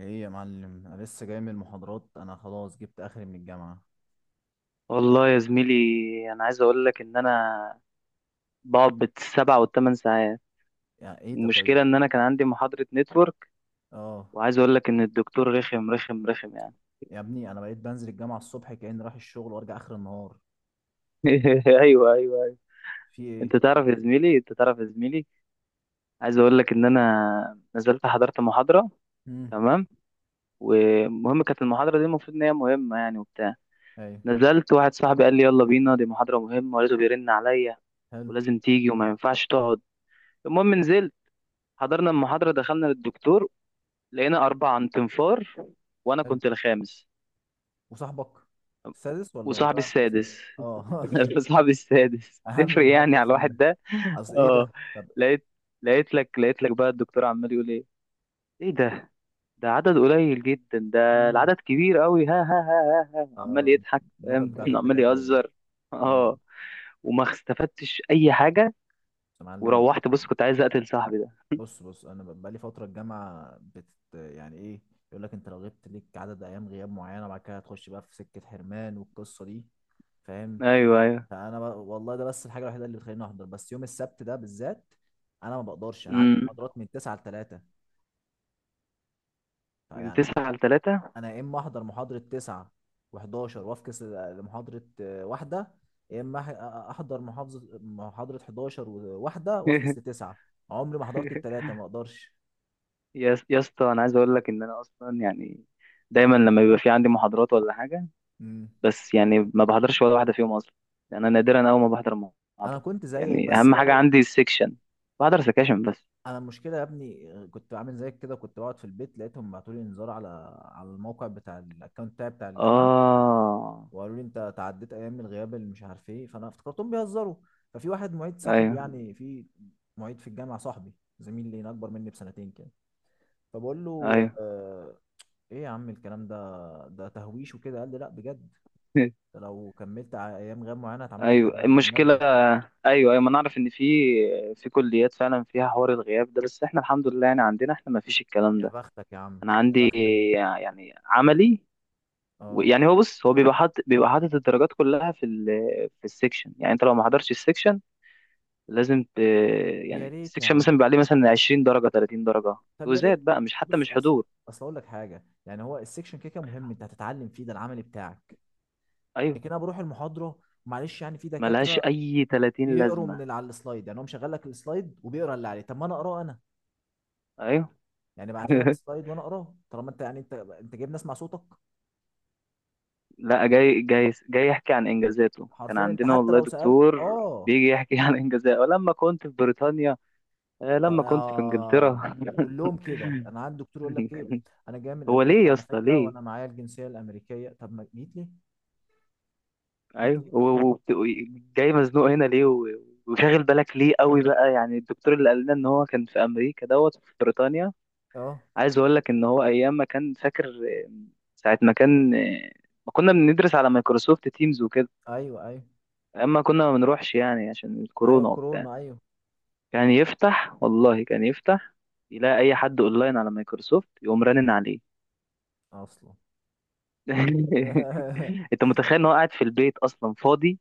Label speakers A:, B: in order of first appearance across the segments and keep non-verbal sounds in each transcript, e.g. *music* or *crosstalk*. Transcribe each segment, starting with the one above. A: ايه يا معلم، انا لسه جاي من المحاضرات. انا خلاص جبت اخري من الجامعه.
B: والله يا زميلي، انا عايز اقول لك ان انا بقعد بالسبع والثمان ساعات.
A: يعني ايه ده؟ طيب.
B: المشكله ان انا كان عندي محاضره نتورك،
A: اه.
B: وعايز اقول لك ان الدكتور رخم رخم رخم يعني.
A: يا ابني انا بقيت بنزل الجامعه الصبح كاني رايح الشغل وارجع اخر النهار.
B: *laughs* ايوه، ايوه، ايوه.
A: في ايه؟
B: انت تعرف يا زميلي، انت تعرف يا زميلي. عايز اقول لك ان انا نزلت حضرت محاضره،
A: امم
B: تمام. ومهم كانت المحاضره دي، المفروض ان هي مهمه يعني وبتاع.
A: ايوه.
B: نزلت، واحد صاحبي قال لي يلا بينا، دي محاضره مهمه ولازم بيرن عليا،
A: حلو.
B: ولازم تيجي وما ينفعش تقعد. المهم نزلت، حضرنا المحاضرة، دخلنا للدكتور، لقينا 4 عن تنفار، وأنا
A: حلو.
B: كنت الخامس
A: وصاحبك السادس ولا طبعا
B: وصاحبي
A: الخامس؟
B: السادس.
A: اه.
B: *laughs* صاحبي السادس
A: *laughs* اهم
B: تفرق يعني
A: محاضره
B: على
A: في ال...
B: الواحد ده.
A: اصل ايه
B: اه،
A: ده؟ طب.
B: لقيت لقيت لك بقى الدكتور عمال يقول ايه، ايه ده، ده عدد قليل جدا ده،
A: امم.
B: العدد كبير قوي. ها ها ها ها، ها. عمال يضحك،
A: النكت
B: فاهم.
A: بتاعت
B: *laughs* عمال
A: الدكاتره دي.
B: يهزر.
A: اه.
B: اه، وما استفدتش اي حاجة،
A: بس يا معلم،
B: وروحت بص كنت عايز اقتل صاحبي ده.
A: بص بص، انا بقالي فتره الجامعه يعني ايه، يقول لك انت لو غبت ليك عدد ايام غياب معينه بعد كده هتخش بقى في سكه حرمان والقصه دي، فاهم؟
B: ايوه، ايوه،
A: والله ده بس الحاجه الوحيده اللي بتخليني احضر، بس يوم السبت ده بالذات انا ما بقدرش، انا عندي
B: امم،
A: محاضرات من 9 ل 3،
B: من
A: فيعني
B: تسعة لتلاتة
A: انا يا اما احضر محاضره 9 و11 وافكس لمحاضره واحده، يا اما احضر محاضره 11 وواحده وافكس
B: *laughs*
A: لتسعه. عمري ما حضرت الثلاثه، ما اقدرش.
B: يا اسطى، انا عايز اقول لك ان انا اصلا يعني دايما لما بيبقى في عندي محاضرات ولا حاجه، بس يعني ما بحضرش ولا واحده فيهم اصلا. يعني انا نادرا اول ما بحضر
A: انا
B: محاضره.
A: كنت زيك
B: يعني
A: بس
B: اهم حاجه
A: جالي.
B: عندي السكشن، بحضر سكاشن بس.
A: انا المشكله يا ابني كنت عامل زيك كده، كنت بقعد في البيت، لقيتهم بعتوا لي انذار على على الموقع بتاع الاكونت بتاعي بتاع الجامعه،
B: اه،
A: وقالوا لي انت تعديت ايام الغياب اللي مش عارف ايه، فانا افتكرتهم بيهزروا. ففي واحد معيد صاحبي
B: ايوه،
A: يعني، في معيد في الجامعه صاحبي، زميل لي اكبر مني بسنتين كده، فبقول له
B: ايوه.
A: آه ايه يا عم الكلام ده، ده تهويش وكده. قال لي لا بجد،
B: *laughs*
A: ده لو كملت ايام غياب معينه هتعمل لك
B: ايوه،
A: حرمان من
B: المشكله.
A: الماده.
B: ايوه، ايوه، ما نعرف ان في كليات فعلا فيها حوار الغياب ده، بس احنا الحمد لله يعني عندنا احنا ما فيش الكلام
A: يا
B: ده.
A: بختك يا عم.
B: انا
A: يا
B: عندي
A: بختك.
B: يعني عملي.
A: اه.
B: يعني هو بص، هو بيبقى حاطط الدرجات كلها في السكشن. يعني انت لو ما حضرتش السكشن لازم
A: يا
B: يعني
A: ريت يا
B: السكشن مثلا
A: عم،
B: بيبقى عليه مثلا 20 درجة 30 درجة،
A: طب يا
B: كوزات
A: ريت.
B: بقى، مش حتى
A: بص،
B: مش
A: اصل
B: حضور.
A: اصل اقول لك حاجه، يعني هو السكشن كده كده مهم، انت هتتعلم فيه، ده العملي بتاعك.
B: ايوه،
A: لكن انا بروح المحاضره، معلش، يعني في
B: ملهاش
A: دكاتره
B: اي 30
A: يقروا
B: لازمة.
A: من اللي على السلايد، يعني هو مشغل لك السلايد وبيقرا اللي عليه، طب ما انا اقراه انا
B: ايوه.
A: يعني، بعت لنا
B: *laughs*
A: السلايد وانا اقراه، طالما انت يعني انت جايب ناس مع صوتك.
B: لا، جاي جاي جاي يحكي عن انجازاته. كان
A: حرفيا انت
B: عندنا
A: حتى
B: والله
A: لو سالت
B: دكتور
A: اه.
B: بيجي يحكي عن انجازاته لما كنت في بريطانيا،
A: طب
B: لما كنت في
A: آه
B: انجلترا.
A: كلهم كده. انا عندي دكتور يقول لك ايه،
B: *laughs*
A: انا جاي من
B: هو ليه
A: امريكا
B: يا
A: على
B: اسطى،
A: فكره،
B: ليه؟
A: وانا معايا الجنسيه الامريكيه، طب ما جيت ليه؟ جيت
B: ايوه،
A: ليه؟
B: جاي مزنوق هنا ليه، وشاغل بالك ليه قوي بقى؟ يعني الدكتور اللي قال لنا ان هو كان في امريكا دوت في بريطانيا.
A: اه.
B: عايز اقول لك ان هو ايام ما كان فاكر ساعه ما كان ما كنا بندرس على مايكروسوفت تيمز وكده.
A: ايوه ايوه.
B: ايام ما كنا ما بنروحش يعني عشان
A: ايوه
B: الكورونا وبتاع،
A: كورونا ايوه.
B: كان يفتح والله كان يفتح، يلاقي اي حد اونلاين على مايكروسوفت يقوم رنن عليه.
A: اصلا.
B: *laughs*
A: *laughs*
B: انت متخيل ان هو قاعد في البيت اصلا فاضي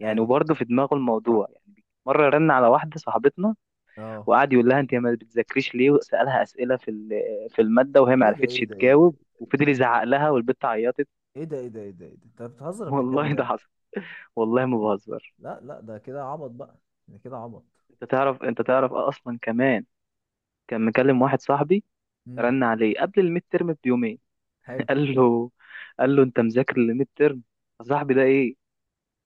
B: يعني،
A: ايوه.
B: وبرضه في دماغه الموضوع يعني. مره رن على واحده صاحبتنا،
A: اه.
B: وقعد يقول لها انت ما بتذاكريش ليه، وسالها اسئله في الماده، وهي ما
A: ايه ده،
B: عرفتش
A: ايه ده، ايه ده،
B: تجاوب، وفضل يزعق لها والبت عيطت.
A: ايه ده، ايه ده، ايه ده، ايه ده، انت بتهزر
B: *laughs*
A: ولا بتتكلم
B: والله ده
A: جد؟
B: حصل، والله ما بهزر.
A: لا لا، ده كده عبط بقى، ده كده عبط.
B: انت تعرف، انت تعرف اصلا كمان كان مكلم واحد صاحبي،
A: امم.
B: رن عليه قبل الميد ترم بيومين.
A: حلو.
B: *laughs* قال له قال له انت مذاكر الميد ترم؟ صاحبي ده ايه،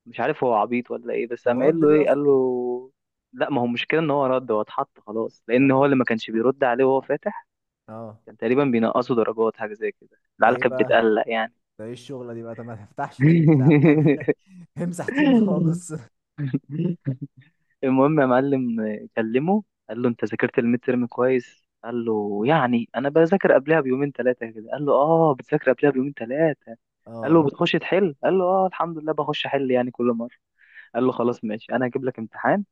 B: مش عارف هو عبيط ولا ايه، بس
A: هو
B: قام قايل
A: رد
B: له
A: ليه
B: ايه
A: اصلا؟
B: قال له. لا، ما هو المشكله ان هو رد، هو اتحط خلاص لان هو
A: اه.
B: اللي ما كانش بيرد عليه وهو فاتح.
A: اه.
B: كان تقريبا بينقصوا درجات حاجه زي كده،
A: ده
B: العيال
A: ايه
B: كانت
A: بقى؟
B: بتقلق يعني.
A: ده ايه الشغله دي بقى؟ طب ما تفتحش تيمز يا عم.
B: *laughs*
A: *laughs* امسح تيمز خالص.
B: المهم يا معلم، كلمه، قال له انت ذاكرت الميد ترم كويس؟ قال له يعني انا بذاكر قبلها بيومين 3 كده. قال له اه، بتذاكر قبلها بيومين 3. قال له
A: اه.
B: بتخش تحل؟ قال له اه الحمد لله، بخش احل يعني كل مره. قال له خلاص ماشي، انا هجيب لك امتحان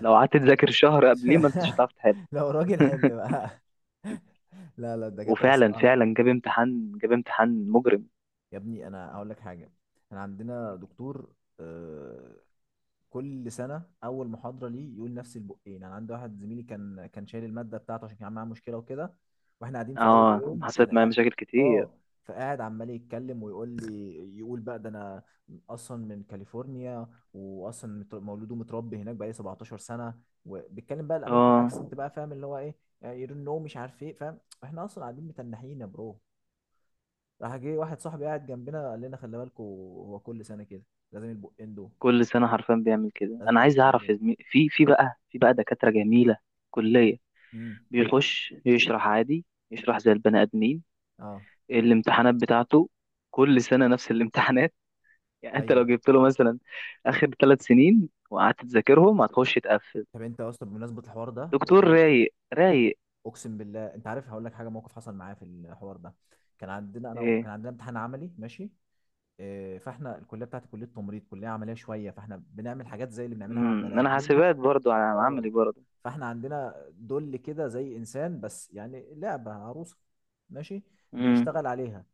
B: لو قعدت تذاكر شهر قبليه ما انتش
A: *laughs*
B: هتعرف تحل.
A: لو راجل حل بقى. *laughs* لا لا، الدكاتره
B: وفعلا
A: الصراحه.
B: فعلا جاب امتحان، جاب امتحان مجرم.
A: يا ابني انا هقول لك حاجه. احنا عندنا دكتور آه، كل سنه اول محاضره ليه يقول نفس البقين. انا عندي واحد زميلي كان شايل الماده بتاعته عشان كان معاه مشكله وكده، واحنا قاعدين في اول
B: اه،
A: يوم
B: حصلت معايا مشاكل كتير.
A: اه. فقاعد عمال يتكلم ويقول لي، يقول بقى ده انا اصلا من كاليفورنيا، واصلا مولود ومتربي هناك بقالي 17 سنه، وبيتكلم بقى الامريكان
B: اه،
A: اكسنت بقى، فاهم اللي هو ايه، يرنو مش عارف ايه، فاهم. احنا اصلا قاعدين متنحين يا برو، راح جه واحد صاحبي قاعد جنبنا قال لنا خلي بالكوا، هو كل سنه كده، لازم البقين دول،
B: كل سنة حرفيا بيعمل كده.
A: لازم
B: أنا عايز أعرف يا
A: البقين
B: زميلي، في بقى دكاترة جميلة، كلية
A: دول.
B: بيخش يشرح عادي، يشرح زي البني آدمين.
A: اه.
B: الامتحانات بتاعته كل سنة نفس الامتحانات. *laughs* يعني أنت
A: ايوه.
B: لو جبت له مثلا آخر 3 سنين وقعدت تذاكرهم هتخش تقفل.
A: طب انت يا اسطى، بمناسبه الحوار ده
B: دكتور
A: والله،
B: رايق رايق.
A: اقسم بالله، انت عارف، هقول لك حاجه موقف حصل معايا في الحوار ده. كان عندنا كان
B: إيه.
A: عندنا امتحان عملي، ماشي. إيه. فاحنا الكليه بتاعتي كليه تمريض، كليه عمليه شويه، فاحنا بنعمل حاجات زي اللي بنعملها مع البني
B: مم. أنا
A: ادمين.
B: حاسبات برضو على عملي
A: اه.
B: برضو.
A: فاحنا عندنا دول كده زي انسان، بس يعني لعبه، عروسه، ماشي،
B: مم.
A: بنشتغل عليها.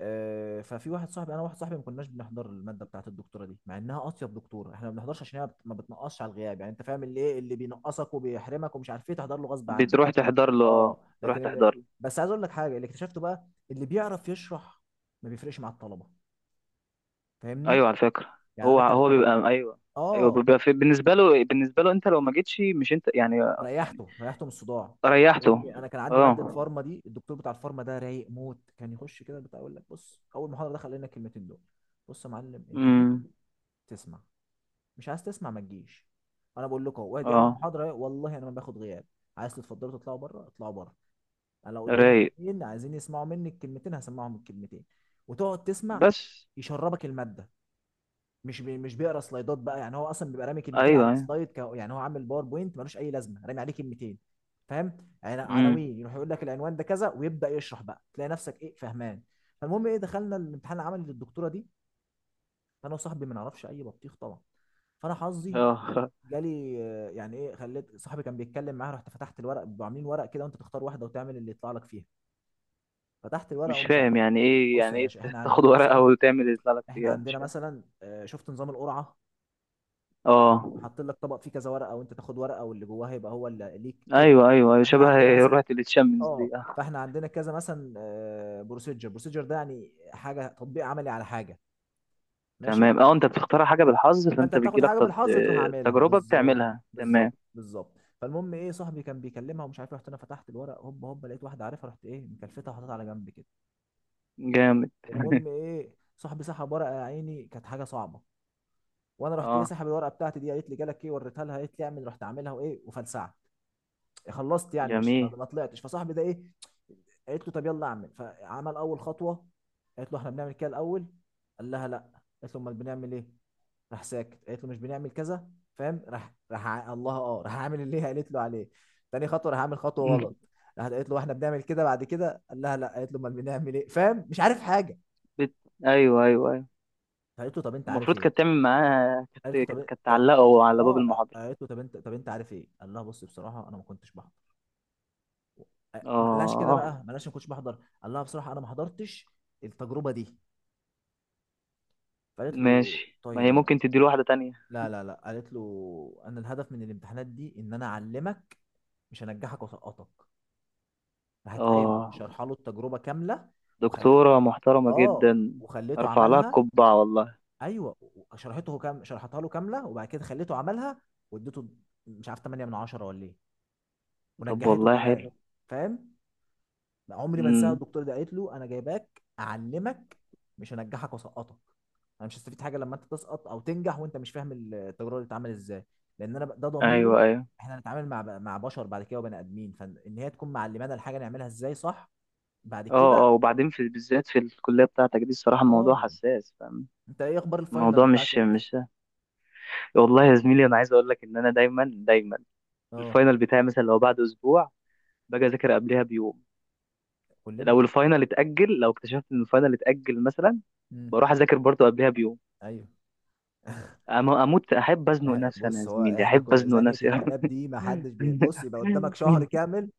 A: ففي واحد صاحبي، انا واحد صاحبي ما كناش بنحضر الماده بتاعت الدكتوره دي مع انها اطيب دكتوره، احنا ما بنحضرش عشان هي ما بتنقصش على الغياب، يعني انت فاهم، اللي ايه اللي بينقصك وبيحرمك ومش عارف ايه تحضر له غصب عنك.
B: بتروح تحضر له
A: اه.
B: آه، بتروح
A: لكن اللي،
B: تحضر له
A: بس عايز اقول لك حاجه، اللي اكتشفته بقى، اللي بيعرف يشرح ما بيفرقش مع الطلبه، فاهمني؟
B: ايوه، على فكره،
A: يعني انا
B: هو
A: كان
B: هو بيبقى ايوه. ايوه،
A: اه،
B: بيبقى في بالنسبه له انت لو ما جيتش مش انت يعني، يعني
A: ريحته ريحته من الصداع. يا
B: ريحته.
A: ابني انا كان عندي ماده
B: اه،
A: فارما، دي الدكتور بتاع الفارما ده رايق موت، كان يخش كده بتاع يقول لك بص، اول محاضره دخل لنا الكلمتين دول، بص يا معلم انت جيت
B: امم،
A: تسمع، مش عايز تسمع ما تجيش، انا بقول لكم اهو دي اول
B: اه،
A: محاضره، والله انا ما باخد غياب، عايز تتفضلوا تطلعوا بره اطلعوا بره، انا لو قدامي
B: رايق
A: اتنين عايزين يسمعوا مني الكلمتين هسمعهم الكلمتين، وتقعد تسمع
B: بس.
A: يشربك الماده، مش بي مش بيقرا سلايدات بقى، يعني هو اصلا بيبقى رامي كلمتين
B: ايوه،
A: على
B: ايوه،
A: السلايد. يعني هو عامل باوربوينت ملوش اي لازمه، رامي عليه كلمتين، فاهم،
B: امم،
A: عناوين، يروح يقول لك العنوان ده كذا ويبدا يشرح بقى، تلاقي نفسك ايه، فهمان. فالمهم ايه، دخلنا الامتحان العملي للدكتوره دي، فانا وصاحبي ما نعرفش اي بطيخ طبعا. فانا حظي
B: اه.
A: جالي يعني ايه، خليت صاحبي كان بيتكلم معاها، رحت فتحت الورق، بيبقوا عاملين ورق كده وانت تختار واحده وتعمل اللي يطلع لك فيها. فتحت
B: *laughs*
A: الورق
B: مش
A: ومش
B: فاهم
A: عارف،
B: يعني ايه
A: بص يا
B: يعني ايه.
A: باشا احنا
B: تاخد
A: عندنا
B: ورقه *laughs*
A: مثلا،
B: وتعمل اللي يطلع لك
A: احنا
B: فيها، مش
A: عندنا
B: فاهم.
A: مثلا شفت نظام القرعه،
B: اه،
A: يبقى حاطين لك طبق فيه كذا ورقه وانت تاخد ورقه واللي جواها يبقى هو اللي ليك كده.
B: ايوه، ايوه، أيوة،
A: فاحنا
B: شبه
A: عندنا مثلا
B: رحله التشامبيونز
A: اه،
B: دي. اه،
A: فاحنا عندنا كذا مثلا، بروسيجر، بروسيجر ده يعني حاجه تطبيق عملي على حاجه، ماشي،
B: تمام، اه، انت بتختار حاجه بالحظ،
A: فانت
B: فانت
A: بتاخد
B: بتجيلك
A: حاجه بالحظ تروح عاملها
B: تجربه
A: بالظبط.
B: بتعملها
A: بالظبط
B: تمام.
A: بالظبط. فالمهم ايه، صاحبي كان بيكلمها ومش عارف رحت انا فتحت الورق هوب هوب، لقيت واحده عارفها، رحت ايه مكلفتها وحطيتها على جنب كده.
B: جامد.
A: المهم
B: *laughs*
A: ايه، صاحبي سحب ورقه يا عيني كانت حاجه صعبه، وانا رحت ايه
B: اه،
A: سحب الورقه بتاعتي دي، قالت لي جالك ايه، وريتها لها، قالت لي اعمل، رحت عاملها وايه وفلسعت، خلصت يعني مش ما
B: جميل.
A: ما طلعتش. فصاحبي ده ايه، قالت له طب يلا اعمل، فعمل اول خطوه، قالت له احنا بنعمل كده الاول، قال لها لا، قالت له امال بنعمل ايه، راح ساكت، قالت له مش بنعمل كذا، فاهم، راح راح ع- الله اه راح عامل اللي هي قالت له عليه. تاني خطوه راح عامل خطوه غلط،
B: *laughs*
A: راحت قالت له احنا بنعمل كده بعد كده، قال لها لا، قالت له امال بنعمل ايه، فاهم، مش عارف حاجه.
B: بت... ايوه، ايوه، ايوه.
A: فقالت له طب انت عارف
B: المفروض
A: ايه،
B: كانت تعمل معاها
A: قالت له
B: كانت
A: طب
B: كانت
A: إيه؟
B: كانت تعلقه على باب
A: اه،
B: المحاضرة.
A: قالت له طب انت عارف ايه، قال لها بص بصراحه انا ما كنتش بحضر، ما قالهاش كده بقى
B: اه،
A: ما قالهاش ما كنتش بحضر، قال لها بصراحه انا ما حضرتش التجربه دي. فقالت له
B: ماشي، ما هي ممكن تديله واحدة تانية.
A: لا لا لا، قالت له انا الهدف من الامتحانات دي ان انا اعلمك، مش هنجحك واسقطك. راحت قايم
B: اه،
A: شرح له التجربه كامله، وخليته
B: دكتورة محترمة
A: اه،
B: جدا،
A: وخليته
B: ارفع لها
A: عملها.
B: القبعة والله.
A: ايوه شرحته كام، شرحتها له كامله، وبعد كده خليته عملها، واديته مش عارف 8 من 10 ولا ايه،
B: طب
A: ونجحته
B: والله
A: كمان،
B: حلو،
A: فاهم. ما عمري ما انساها
B: امم،
A: الدكتور ده، قالت له انا جايباك اعلمك مش هنجحك واسقطك، انا مش هستفيد حاجه لما انت تسقط او تنجح وانت مش فاهم التجربه اللي بتتعمل ازاي، لان ده ضميري،
B: ايوه، ايوه،
A: احنا هنتعامل مع بشر بعد كده وبني ادمين، فان هي تكون معلمانا الحاجه نعملها ازاي صح بعد
B: اه،
A: كده.
B: اه. وبعدين في بالذات في الكلية بتاعتك دي الصراحة الموضوع
A: اه.
B: حساس، فاهم.
A: انت ايه اخبار الفاينل
B: الموضوع
A: بتاعك
B: مش
A: امتى؟
B: مش والله يا زميلي. انا عايز اقول لك ان انا دايما دايما
A: اه.
B: الفاينل بتاعي مثلا لو بعد اسبوع باجي اذاكر قبلها بيوم.
A: كلنا
B: لو
A: كده.
B: الفاينل اتأجل، لو اكتشفت ان الفاينل اتأجل مثلا،
A: امم.
B: بروح اذاكر برضو قبلها بيوم.
A: ايوه. *laughs*
B: اموت احب ازنق نفسي، انا
A: بص
B: يا
A: هو
B: زميلي
A: احنا
B: احب
A: كل
B: ازنق
A: زنقه
B: نفسي أوي.
A: الكلاب دي، ما حدش بص يبقى قدامك شهر
B: *laughs*
A: كامل،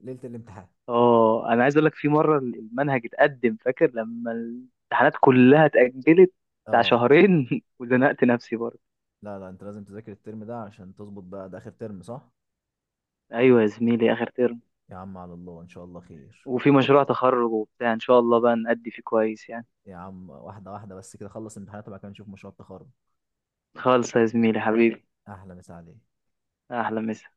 A: ليله الامتحان
B: اه، انا عايز اقول لك في مره المنهج اتقدم، فاكر لما الامتحانات كلها اتاجلت بتاع
A: اه.
B: شهرين. *laughs* وزنقت نفسي برضه.
A: لا لا، انت لازم تذاكر الترم ده عشان تظبط بقى، ده اخر ترم صح؟
B: ايوه يا زميلي، اخر ترم،
A: يا عم على الله، ان شاء الله خير.
B: وفي مشروع تخرج وبتاع، ان شاء الله بقى نأدي فيه كويس يعني.
A: يا عم واحده واحده، بس كده خلص امتحانات وبعد كده نشوف مشروع التخرج.
B: خالص يا زميلي حبيبي،
A: احلى مسا عليك.
B: احلى مسا.